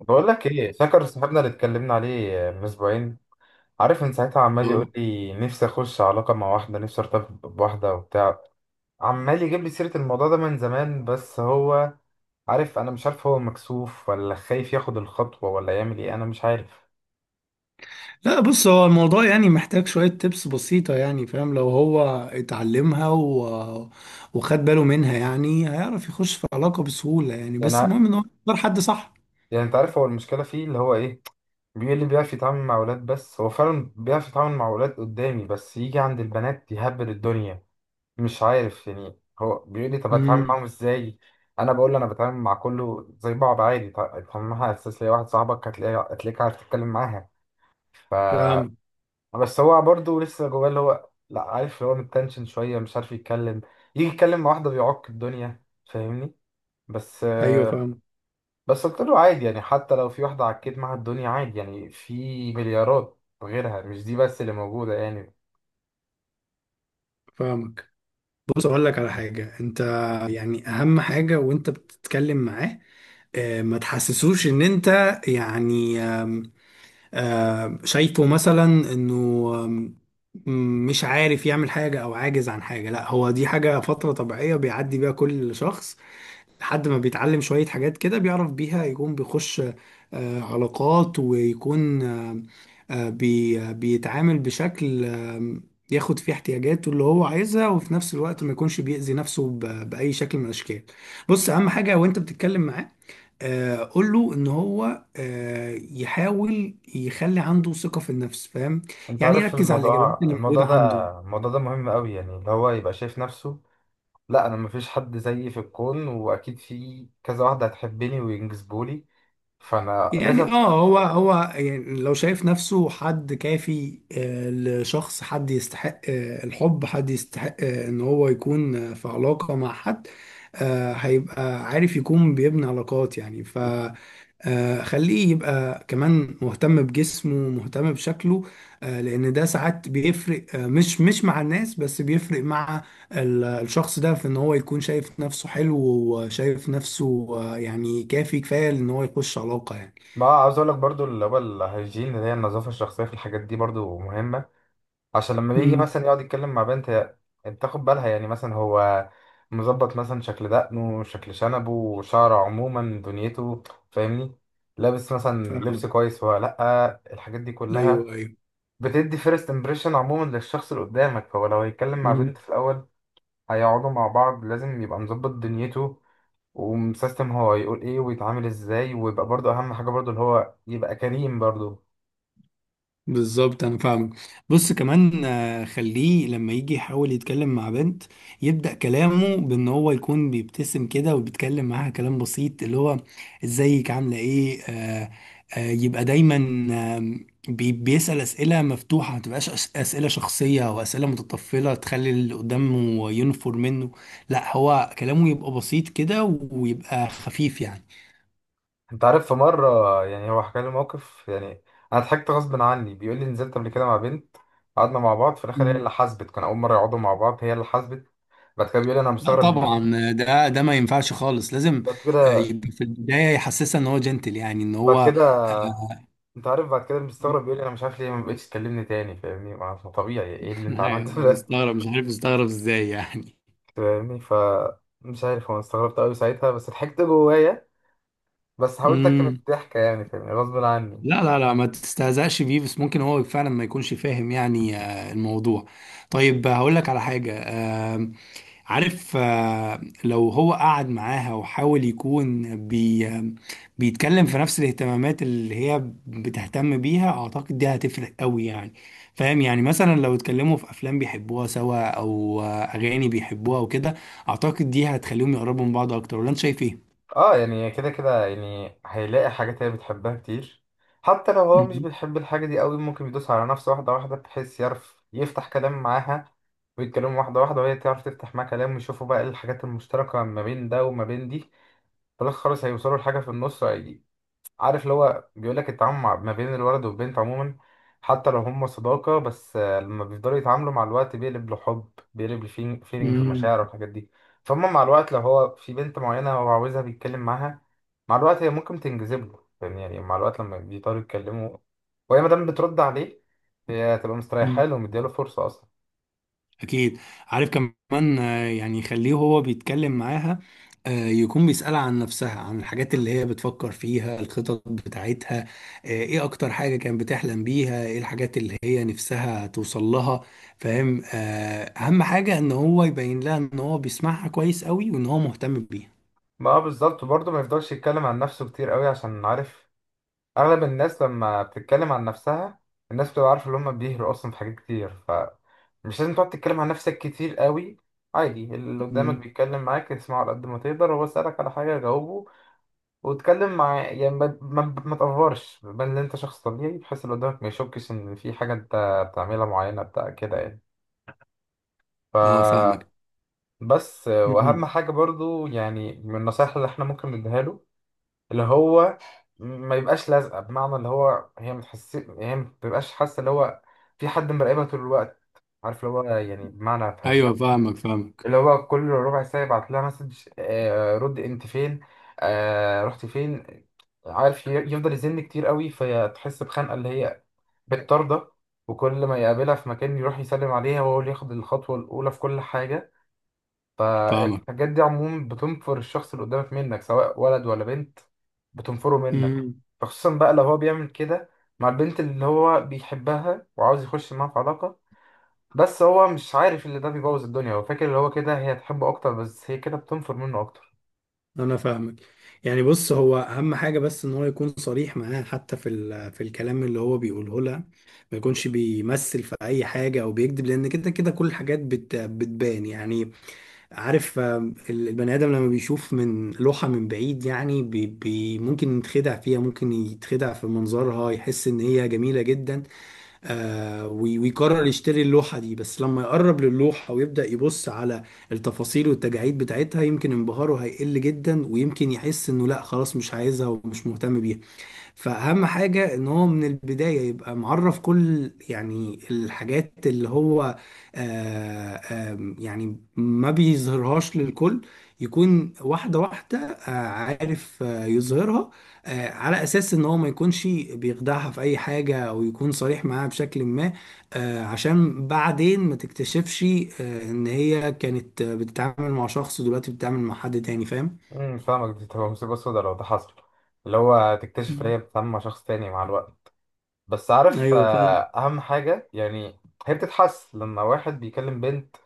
بقول لك ايه، فاكر صاحبنا اللي اتكلمنا عليه من اسبوعين؟ عارف، من ساعتها عمال يقول اه. لي نفسي اخش علاقه مع واحده، نفسي ارتبط بواحده وبتاع. عمال يجيب لي سيره الموضوع ده من زمان، بس هو عارف، انا مش عارف هو مكسوف ولا خايف ياخد الخطوه ولا يعمل ايه، انا مش عارف. لا، بص، هو الموضوع يعني محتاج شوية تبس بسيطة يعني. فاهم؟ لو هو اتعلمها و... وخد باله منها يعني هيعرف يخش في علاقة بسهولة يعني، بس يعني المهم ان هو يختار حد صح. يعني انت عارف هو المشكله فيه اللي هو ايه، بيقول لي بيعرف يتعامل مع اولاد، بس هو فعلا بيعرف يتعامل مع اولاد قدامي، بس يجي عند البنات يهبل الدنيا. مش عارف، يعني هو بيقول لي طب اتعامل امم معاهم ازاي. انا بقول له انا بتعامل مع كله زي بعض عادي. طب ما اساس ليا واحد صاحبك هتلاقيه، هتلاقيك عارف تتكلم معاها. ف فاهم. بس هو برضه لسه جواه اللي هو، لا عارف اللي هو متنشن شويه، مش عارف يتكلم. يجي يتكلم مع واحده بيعك الدنيا، فاهمني؟ بس ايوه، فاهم. بس قلت له عادي يعني، حتى لو في واحده عكيت معاها الدنيا عادي يعني، في مليارات غيرها، مش دي بس اللي موجوده يعني. فاهمك. بص، اقول لك على حاجة. انت يعني اهم حاجة وانت بتتكلم معاه، ما تحسسوش ان انت يعني شايفه مثلا انه آم، مش عارف يعمل حاجة او عاجز عن حاجة. لا، هو دي حاجة فترة طبيعية بيعدي بيها كل شخص لحد ما بيتعلم شوية حاجات كده بيعرف بيها يكون بيخش علاقات، ويكون آه، آه، بي آه، بيتعامل بشكل ياخد فيه احتياجاته اللي هو عايزها، وفي نفس الوقت ما يكونش بيأذي نفسه بأي شكل من الأشكال. بص، أهم حاجة وأنت بتتكلم معاه، قول له ان هو يحاول يخلي عنده ثقة في النفس. فاهم؟ انت يعني عارف، يركز على الاجابات الموضوع اللي الموضوع موجودة عنده. ده الموضوع ده مهم قوي يعني، اللي هو يبقى شايف نفسه، لا انا مفيش حد زيي في الكون، واكيد في كذا واحده هتحبني وينجذبولي، فانا يعني لازم. اه، هو هو يعني لو شايف نفسه حد كافي لشخص، حد يستحق الحب، حد يستحق ان هو يكون في علاقة مع حد، هيبقى عارف يكون بيبني علاقات يعني. ف خليه يبقى كمان مهتم بجسمه، مهتم بشكله، لان ده ساعات بيفرق، آه، مش مش مع الناس بس، بيفرق مع الشخص ده في ان هو يكون شايف نفسه حلو وشايف نفسه يعني كافي، كفاية ان هو يخش علاقة يعني. ما عاوز اقول لك برضو، اللي هو الهيجين اللي هي النظافه الشخصيه، في الحاجات دي برضو مهمه. عشان لما بيجي امم مثلا يقعد يتكلم مع بنت، هي انت تاخد بالها، يعني مثلا هو مظبط مثلا شكل دقنه، شكل شنبه، شعره، عموما دنيته، فاهمني؟ لابس مثلا فاهمك. لبس كويس ولا لا، الحاجات دي ايوه، كلها ايوه. بتدي فيرست امبريشن عموما للشخص اللي قدامك. فهو لو هيتكلم مع بنت امم في الاول هيقعدوا مع بعض، لازم يبقى مظبط دنيته ومسيستم هو هيقول ايه ويتعامل ازاي. ويبقى برضه اهم حاجه برضه اللي هو يبقى كريم برضه. بالظبط، انا فاهمك. بص، كمان خليه لما يجي يحاول يتكلم مع بنت، يبدأ كلامه بان هو يكون بيبتسم كده وبيتكلم معاها كلام بسيط اللي هو ازيك، عامله ايه. يبقى دايما آه بيسأل اسئله مفتوحه، ما تبقاش اسئله شخصيه او اسئله متطفله تخلي اللي قدامه ينفر منه. لا، هو كلامه يبقى بسيط كده، ويبقى خفيف. انت عارف، في مره يعني هو حكى لي موقف يعني انا ضحكت غصب عني. بيقول لي نزلت قبل كده مع بنت، قعدنا مع بعض، في الاخر هي اللي يعني حاسبت. كان اول مره يقعدوا مع بعض، هي اللي حاسبت. بعد كده بيقول لي انا لا، مستغرب ليه-. طبعا، ده ما ينفعش خالص. لازم بعد كده يبقى في البدايه يحسسها ان هو جنتل، يعني ان بعد هو كده انت عارف، بعد كده مستغرب، بيقول لي انا مش عارف ليه ما بقتش تكلمني تاني. فاهمني؟ ما هو طبيعي، ايه اللي انت عملته ده؟ مستغرب، مش عارف مستغرب ازاي يعني. فاهمني؟ مش عارف هو، أنا استغربت قوي ساعتها بس ضحكت جوايا. بس حاولت اكتب امم الضحكة يعني، فاهمني، غصب عني. لا لا لا، ما تستهزأش بيه، بس ممكن هو فعلا ما يكونش فاهم يعني الموضوع. طيب هقول لك على حاجة. عارف لو هو قعد معاها وحاول يكون بيتكلم في نفس الاهتمامات اللي هي بتهتم بيها، اعتقد دي هتفرق قوي يعني. فاهم؟ يعني مثلا لو اتكلموا في افلام بيحبوها سوا او اغاني بيحبوها وكده، اعتقد دي هتخليهم يقربوا من بعض اكتر. ولا انت شايف ايه؟ اه يعني كده كده يعني هيلاقي حاجات هي بتحبها كتير. حتى لو هو مش بيحب الحاجة دي قوي، ممكن يدوس على نفسه واحدة واحدة بحيث يعرف يفتح كلام معاها، ويتكلموا واحدة واحدة وهي تعرف تفتح معاه كلام، ويشوفوا بقى ايه الحاجات المشتركة ما بين ده وما بين دي. فبس خلاص هيوصلوا لحاجة في النص. عارف اللي هو بيقول لك، التعامل مع- ما بين الولد والبنت عموما، حتى لو هم صداقة بس، آه، لما بيفضلوا يتعاملوا مع الوقت بيقلب لحب، بيقلب لفيلينجز مم. ومشاعر والحاجات دي. فهم مع الوقت، لو هو في بنت معينة هو عاوزها بيتكلم معاها، مع الوقت هي ممكن تنجذب له يعني، يعني مع الوقت لما بيضطروا يتكلموا وهي مادام بترد عليه، هي هتبقى مستريحة مم. له ومدياله فرصة أصلا. أكيد. عارف كمان يعني يخليه هو بيتكلم معاها، يكون بيسألها عن نفسها، عن الحاجات اللي هي بتفكر فيها، الخطط بتاعتها، إيه أكتر حاجة كانت بتحلم بيها، إيه الحاجات اللي هي نفسها توصل لها. فاهم؟ أهم حاجة إن هو يبين لها إن هو بيسمعها كويس قوي وإن هو مهتم بيها. ما هو بالظبط. وبرضه ما يفضلش يتكلم عن نفسه كتير قوي، عشان عارف اغلب الناس لما بتتكلم عن نفسها، الناس بتبقى عارفه ان هم بيهروا اصلا في حاجات كتير. فمش لازم تقعد تتكلم عن نفسك كتير قوي. عادي اللي قدامك مم. بيتكلم معاك، اسمعه على قد ما تقدر، هو سألك على حاجه جاوبه، واتكلم مع يعني، ما تقفرش بان إن انت شخص طبيعي، بحيث اللي قدامك ما يشكش ان في حاجه انت بتعملها معينه بتاع كده يعني. أه، ف فاهمك. بس، مم. واهم حاجه برضو يعني من النصائح اللي احنا ممكن نديها له، اللي هو ما يبقاش لازقه. بمعنى اللي هو هي ما تحس، هي ما بتبقاش حاسه اللي هو في حد مراقبها طول الوقت. عارف اللي هو يعني، بمعنى أيوه، فاهمها. فاهمك، فاهمك، اللي هو كل ربع ساعه يبعت لها مسج، آه رد انت فين، آه رحت فين. عارف، يفضل يزن كتير قوي، فتحس بخنقه اللي هي بتطارده. وكل ما يقابلها في مكان يروح يسلم عليها، وهو اللي ياخد الخطوه الاولى في كل حاجه. فاهمك. فالحاجات دي عموما بتنفر الشخص اللي قدامك منك، سواء ولد ولا بنت، بتنفره منك. مم. فخصوصا بقى لو هو بيعمل كده مع البنت اللي هو بيحبها وعاوز يخش معاها في علاقة. بس هو مش عارف اللي ده بيبوظ الدنيا، هو فاكر اللي هو كده هي تحبه أكتر، بس هي كده بتنفر منه أكتر. انا فاهمك. يعني بص، هو اهم حاجه بس ان هو يكون صريح معاها حتى في في الكلام اللي هو بيقوله لها. ما يكونش بيمثل في اي حاجه او بيكذب، لان كده كده كل الحاجات بتبان يعني. عارف البني ادم لما بيشوف من لوحه من بعيد يعني بي بي ممكن يتخدع فيها، ممكن يتخدع في منظرها، يحس ان هي جميله جدا. آه، ويقرر يشتري اللوحة دي. بس لما يقرب للوحة ويبدأ يبص على التفاصيل والتجاعيد بتاعتها، يمكن انبهاره هيقل جدا، ويمكن يحس انه لا خلاص، مش عايزها ومش مهتم بيها. فأهم حاجة إن هو من البداية يبقى معرف كل يعني الحاجات اللي هو آه، آم، يعني ما بيظهرهاش للكل. يكون واحدة واحدة عارف يظهرها على أساس إن هو ما يكونش بيخدعها في أي حاجة، أو يكون صريح معاها بشكل ما، عشان بعدين ما تكتشفش إن هي كانت بتتعامل مع شخص ودلوقتي بتتعامل مع حد تاني. فاهم؟ امم، فاهمك، دي تبقى مصيبة سودا لو ده حصل، اللي هو تكتشف إن مم. هي بتتعامل مع شخص تاني مع الوقت. بس عارف، ايوه، آه، فاهم. اهم حاجه يعني، هي بتتحس لما واحد بيكلم بنت،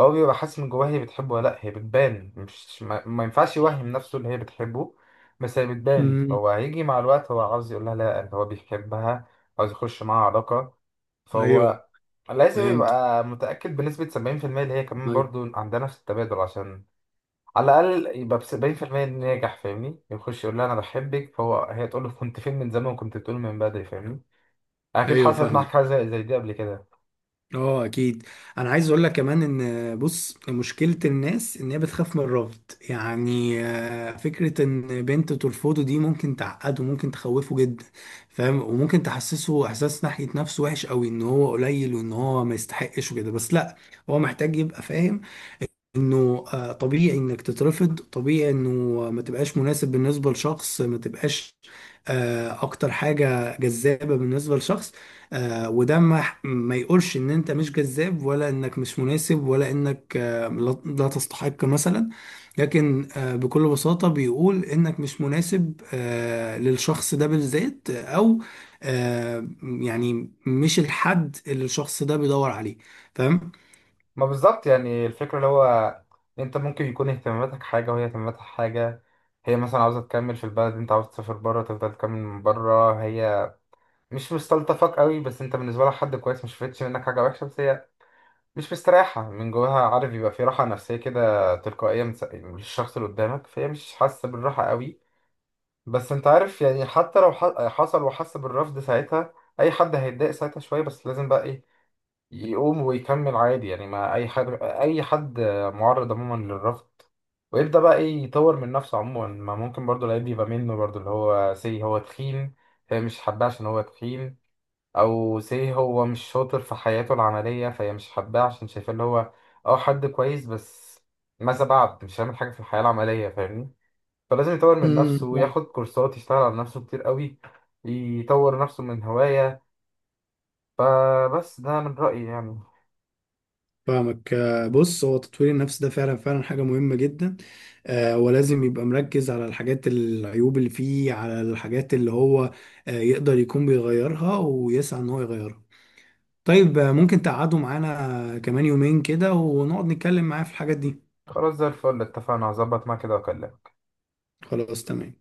هو بيبقى حاسس من جواه هي بتحبه ولا لا. هي بتبان، مش ما ينفعش يوهم نفسه ان هي بتحبه، بس هي بتبان. امم هو هيجي مع الوقت هو عاوز يقول لها، لا إن هو بيحبها، عاوز يخش معاها علاقه، ايوه، فهو لازم فهمت. يبقى متاكد بنسبه 70% اللي هي كمان أيوة. برضو عندها نفس التبادل، عشان على الاقل يبقى ب 70% ناجح. فاهمني؟ يخش يقول لها انا بحبك، فهو هي تقول له كنت فين من زمان، وكنت بتقول من بدري، فاهمني؟ اكيد ايوه، حصلت معاك فاهمك. حاجه زي دي قبل كده. اه، اكيد. انا عايز اقول لك كمان ان بص، مشكله الناس ان هي بتخاف من الرفض يعني. فكره ان بنت ترفضه دي ممكن تعقده، ممكن تخوفه جدا. فاهم؟ وممكن تحسسه احساس ناحيه نفسه وحش قوي، ان هو قليل وان هو ما يستحقش وكده. بس لا، هو محتاج يبقى فاهم انه طبيعي انك تترفض، طبيعي انه ما تبقاش مناسب بالنسبه لشخص، ما تبقاش اكتر حاجه جذابه بالنسبه لشخص، وده ما يقولش ان انت مش جذاب، ولا انك مش مناسب، ولا انك آه، لا لا تستحق مثلا. لكن بكل بساطه بيقول انك مش مناسب للشخص ده بالذات، او يعني مش الحد اللي الشخص ده بيدور عليه. فاهم؟ ما بالظبط يعني، الفكره اللي هو انت ممكن يكون اهتماماتك حاجه وهي اهتماماتها حاجه. هي مثلا عاوزه تكمل في البلد، انت عاوز تسافر بره تفضل تكمل من بره. هي مش مستلطفك قوي، بس انت بالنسبه لها حد كويس، مش شفتش منك حاجه وحشه، بس هي مش مستريحه من جواها. عارف، يبقى في راحه نفسيه كده تلقائيه من من الشخص اللي قدامك، فهي مش حاسه بالراحه قوي. بس انت عارف يعني، حتى لو حصل وحس بالرفض ساعتها، اي حد هيتضايق ساعتها شويه، بس لازم بقى ايه، يقوم ويكمل عادي يعني. ما اي حد، اي حد معرض عموما للرفض، ويبدأ بقى ايه يطور من نفسه عموما. ما ممكن برضو العيب يبقى منه برضو، اللي هو سي هو تخين فهي مش حباه عشان هو تخين، او سي هو مش شاطر في حياته العملية فهي مش حباه عشان شايفاه اللي هو، اه حد كويس بس ماذا بعد، مش هيعمل حاجة في الحياة العملية. فاهمني؟ فلازم يطور من نفسه امم وياخد كورسات، يشتغل على نفسه كتير قوي، يطور نفسه من هواية. فبس ده من رأيي يعني. فاهمك. بص، هو تطوير النفس ده فعلا فعلا حاجة مهمة جدا. ولازم يبقى مركز على الحاجات العيوب اللي فيه، على الحاجات اللي هو يقدر يكون بيغيرها ويسعى ان هو يغيرها. طيب ممكن تقعدوا معانا كمان يومين كده ونقعد نتكلم معاه في الحاجات دي. خلاص زي الفل، اتفقنا، هظبط معاك كده واكلمك. خلاص، تمام.